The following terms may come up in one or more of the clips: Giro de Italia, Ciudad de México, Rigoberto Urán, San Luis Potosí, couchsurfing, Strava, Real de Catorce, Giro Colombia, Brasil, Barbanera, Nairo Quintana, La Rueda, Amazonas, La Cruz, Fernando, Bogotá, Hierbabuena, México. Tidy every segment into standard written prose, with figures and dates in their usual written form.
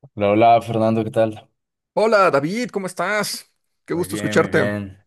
Hola, hola, Fernando, ¿qué tal? Hola David, ¿cómo estás? Qué Muy gusto bien, muy escucharte. bien.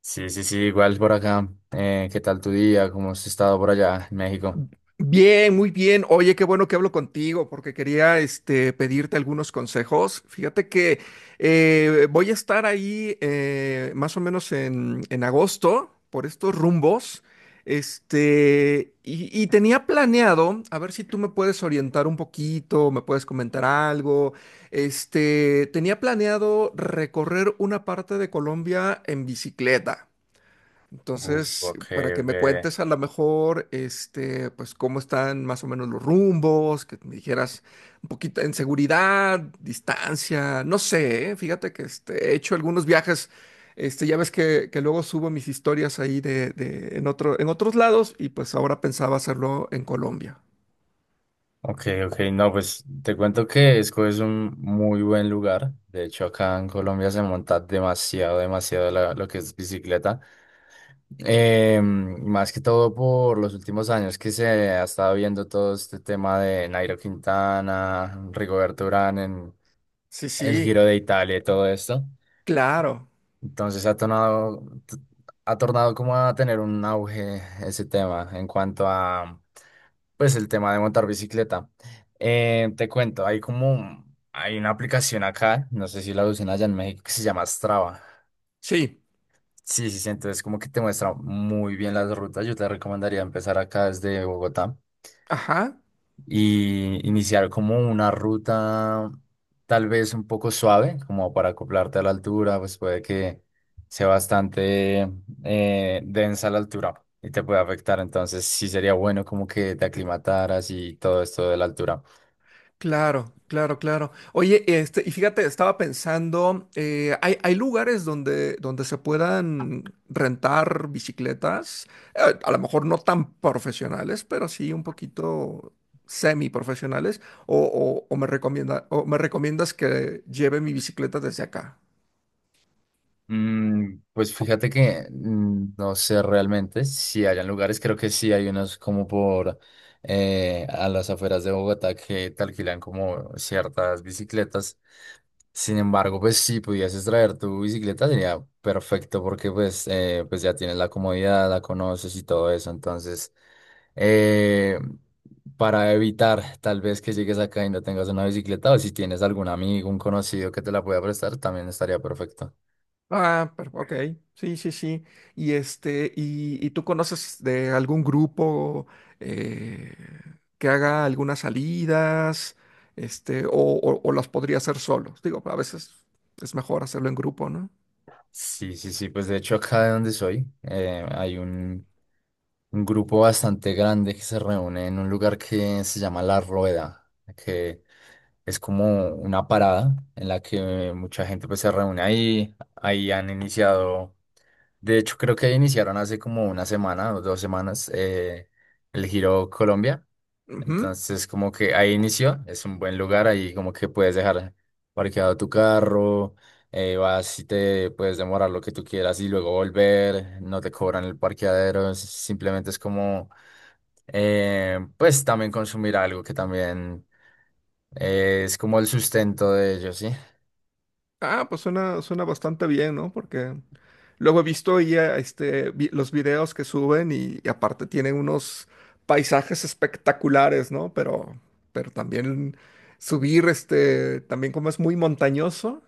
Sí, sí, sí, igual por acá. ¿Qué tal tu día? ¿Cómo has estado por allá en México? Bien, muy bien. Oye, qué bueno que hablo contigo porque quería pedirte algunos consejos. Fíjate que voy a estar ahí más o menos en agosto por estos rumbos. Y tenía planeado, a ver si tú me puedes orientar un poquito, me puedes comentar algo. Tenía planeado recorrer una parte de Colombia en bicicleta. Entonces, Ok, para que ok. me cuentes a lo mejor, pues cómo están más o menos los rumbos, que me dijeras un poquito en seguridad, distancia, no sé, Fíjate que he hecho algunos viajes, ya ves que luego subo mis historias ahí en en otros lados y pues ahora pensaba hacerlo en Colombia. Ok, ok, no, pues te cuento que Esco es un muy buen lugar. De hecho, acá en Colombia se monta demasiado, demasiado lo que es bicicleta. Más que todo por los últimos años que se ha estado viendo todo este tema de Nairo Quintana, Rigoberto Urán en Sí, el sí, Giro de Italia y todo esto. claro, Entonces ha tornado como a tener un auge ese tema en cuanto a, pues, el tema de montar bicicleta. Te cuento, hay una aplicación acá, no sé si la usan allá en México, que se llama Strava. sí, Sí, sí, sí, entonces como que te muestra muy bien las rutas. Yo te recomendaría empezar acá desde Bogotá ajá. y iniciar como una ruta tal vez un poco suave, como para acoplarte a la altura, pues puede que sea bastante densa la altura y te puede afectar. Entonces sí sería bueno como que te aclimataras y todo esto de la altura. Claro, claro, claro. Oye, y fíjate, estaba pensando, hay lugares donde se puedan rentar bicicletas, a lo mejor no tan profesionales, pero sí un poquito semi profesionales, o, o me o me recomiendas que lleve mi bicicleta desde acá. Pues fíjate que no sé realmente si hayan lugares, creo que sí hay unos como por a las afueras de Bogotá que te alquilan como ciertas bicicletas. Sin embargo, pues si pudieses traer tu bicicleta sería perfecto porque pues, pues ya tienes la comodidad, la conoces y todo eso. Entonces, eh, para evitar tal vez que llegues acá y no tengas una bicicleta o si tienes algún amigo, un conocido que te la pueda prestar, también estaría perfecto. Ah, pero, ok, sí, sí, sí. Y y tú conoces de algún grupo eh, que haga algunas salidas, o las podría hacer solos. Digo, a veces es mejor hacerlo en grupo, no. Sí, sí, sí, pues de hecho acá de donde soy hay un grupo bastante grande que se reúne en un lugar que se llama La Rueda, que es como una parada en la que mucha gente pues se reúne ahí, ahí han iniciado, de hecho creo que iniciaron hace como una semana o dos semanas el Giro Colombia. Ujú. Entonces, como que ahí inició, es un buen lugar, ahí como que puedes dejar parqueado tu carro, vas y te puedes demorar lo que tú quieras y luego volver, no te cobran el parqueadero, simplemente es como, pues también consumir algo que también es como el sustento de ellos, ¿sí? Ah, pues suena, suena bastante bien, ¿no? Porque luego he visto ya los videos que suben y aparte tienen unos paisajes espectaculares, ¿no? Pero también subir, también como es muy montañoso,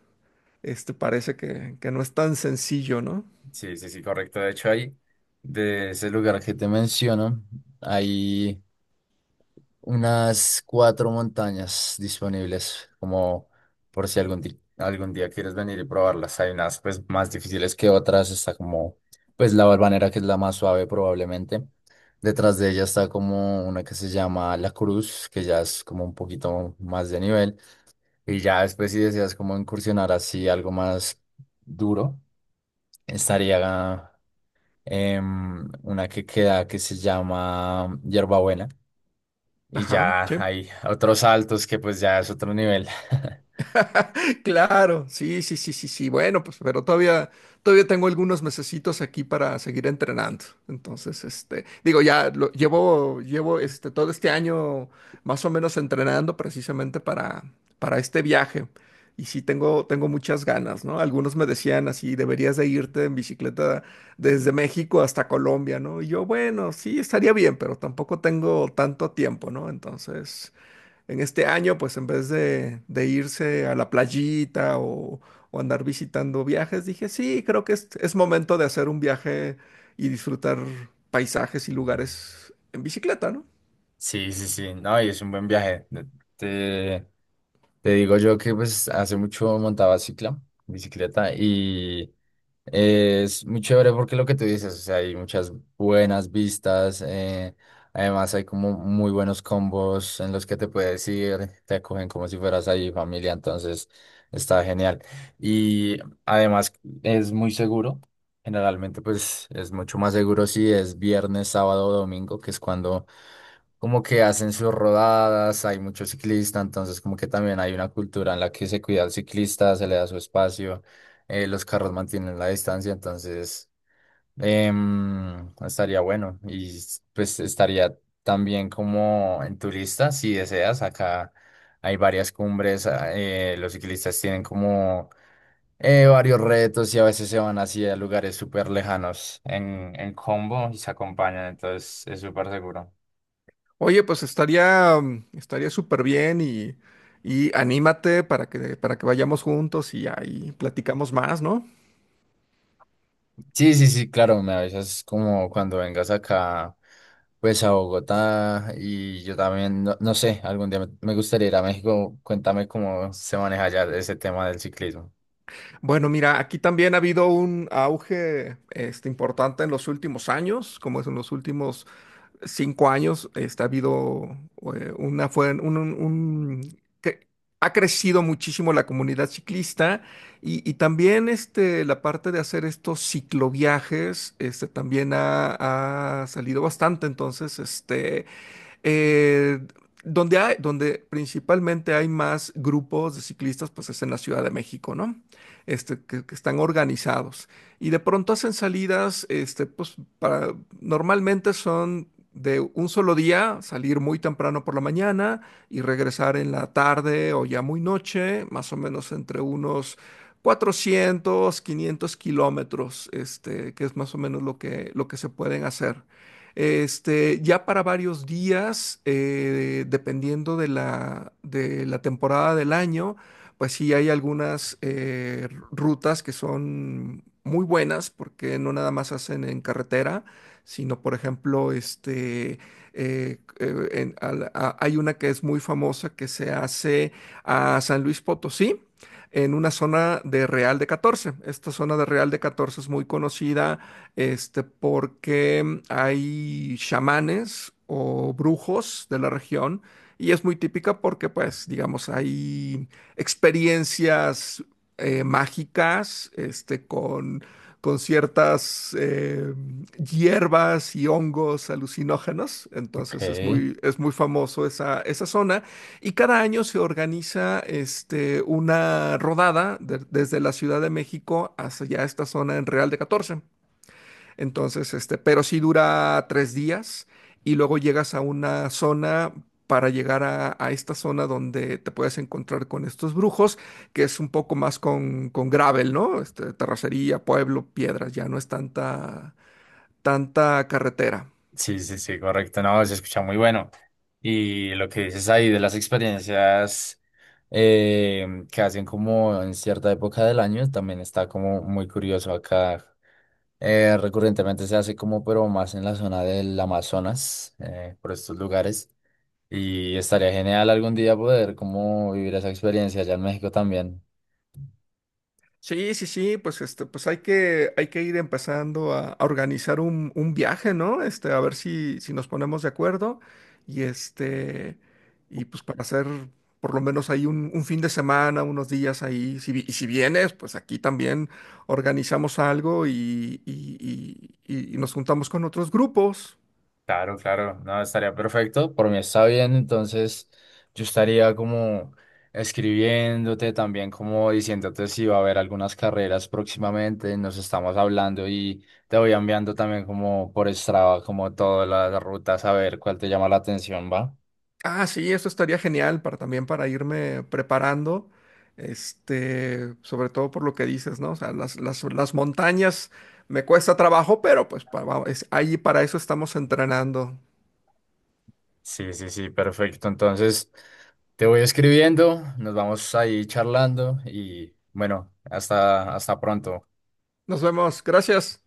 parece que no es tan sencillo, ¿no? Sí, sí, sí, correcto. De hecho, ahí, de ese lugar que te menciono, ahí unas cuatro montañas disponibles, como por si algún día, algún día quieres venir y probarlas. Hay unas pues más difíciles que otras, está como pues la Barbanera, que es la más suave probablemente. Detrás de ella está como una que se llama La Cruz, que ya es como un poquito más de nivel. Y ya después, si deseas como incursionar así algo más duro, estaría una que queda que se llama Hierbabuena, y Ajá, ya sí. hay otros saltos que pues ya es otro nivel. Claro, sí, sí, sí, sí, sí. Bueno, pues, pero todavía tengo algunos mesecitos aquí para seguir entrenando. Entonces, digo, llevo, todo este año más o menos entrenando precisamente para este viaje. Y sí, tengo muchas ganas, ¿no? Algunos me decían así, deberías de irte en bicicleta desde México hasta Colombia, ¿no? Y yo, bueno, sí, estaría bien, pero tampoco tengo tanto tiempo, ¿no? Entonces en este año, pues en vez de irse a la playita o andar visitando viajes, dije, sí, creo que es momento de hacer un viaje y disfrutar paisajes y lugares en bicicleta, ¿no? Sí, sí, sí, no, y es un buen viaje. Te, te digo yo que pues hace mucho montaba cicla, bicicleta, y es muy chévere porque lo que tú dices, o sea, hay muchas buenas vistas, además hay como muy buenos combos en los que te puedes ir, te acogen como si fueras ahí familia, entonces está genial. Y además es muy seguro, generalmente pues es mucho más seguro si es viernes, sábado o domingo, que es cuando como que hacen sus rodadas, hay muchos ciclistas, entonces como que también hay una cultura en la que se cuida al ciclista, se le da su espacio, los carros mantienen la distancia, entonces estaría bueno y pues estaría también como en tu lista, si deseas, acá hay varias cumbres, los ciclistas tienen como varios retos y a veces se van así a lugares súper lejanos en combo y se acompañan, entonces es súper seguro. Oye, pues estaría, estaría súper bien y anímate para que vayamos juntos y ahí platicamos más, ¿no? Sí, sí, sí, claro, me avisas como cuando vengas acá, pues a Bogotá, y yo también, no, no sé, algún día me, me gustaría ir a México. Cuéntame cómo se maneja allá ese tema del ciclismo. Bueno, mira, aquí también ha habido un auge importante en los últimos años, como es en los últimos 5 años está ha habido una fue un- que ha crecido muchísimo la comunidad ciclista y también la parte de hacer estos cicloviajes también ha, ha salido bastante entonces eh, donde hay, donde principalmente hay más grupos de ciclistas, pues es en la Ciudad de México, ¿no? Que están organizados. Y de pronto hacen salidas, normalmente son de un solo día, salir muy temprano por la mañana y regresar en la tarde o ya muy noche, más o menos entre unos 400 o 500 km, que es más o menos lo que se pueden hacer. Ya para varios días, dependiendo de de la temporada del año, pues sí hay algunas rutas que son muy buenas porque no nada más hacen en carretera, sino por ejemplo, hay una que es muy famosa que se hace a San Luis Potosí, en una zona de Real de Catorce. Esta zona de Real de Catorce es muy conocida porque hay chamanes o brujos de la región y es muy típica porque, pues, digamos, hay experiencias mágicas, con ciertas hierbas y hongos alucinógenos. Ok, Entonces es es muy famoso esa, esa zona y cada año se organiza, una rodada desde la Ciudad de México hacia esta zona en Real de Catorce, entonces, pero sí dura 3 días y luego llegas a una zona para llegar a esta zona donde te puedes encontrar con estos brujos, que es un poco más con gravel, ¿no? Terracería, pueblo, piedras, ya no es tanta carretera. sí, sí, sí, correcto, no, se escucha muy bueno. Y lo que dices ahí de las experiencias que hacen como en cierta época del año, también está como muy curioso acá. Recurrentemente se hace como, pero más en la zona del Amazonas, por estos lugares. Y estaría genial algún día poder como vivir esa experiencia allá en México también. Sí, sí, sí, pues hay que ir empezando a organizar un viaje, ¿no? A ver si nos ponemos de acuerdo. Y y pues para hacer por lo menos ahí un fin de semana, unos días ahí. Y si vienes, pues aquí también organizamos algo y nos juntamos con otros grupos. Claro, claro, no, estaría perfecto. Por mí está bien, entonces yo estaría como escribiéndote también, como diciéndote si va a haber algunas carreras próximamente, nos estamos hablando y te voy enviando también como por Strava, como todas las rutas, a ver cuál te llama la atención, ¿va? Ah, sí, eso estaría genial para también para irme preparando, sobre todo por lo que dices, ¿no? O sea, las montañas me cuesta trabajo, pero pues ahí para eso estamos entrenando. Sí, sí, sí, perfecto. Entonces, te voy escribiendo, nos vamos ahí charlando y bueno, hasta, hasta pronto. Nos vemos, gracias.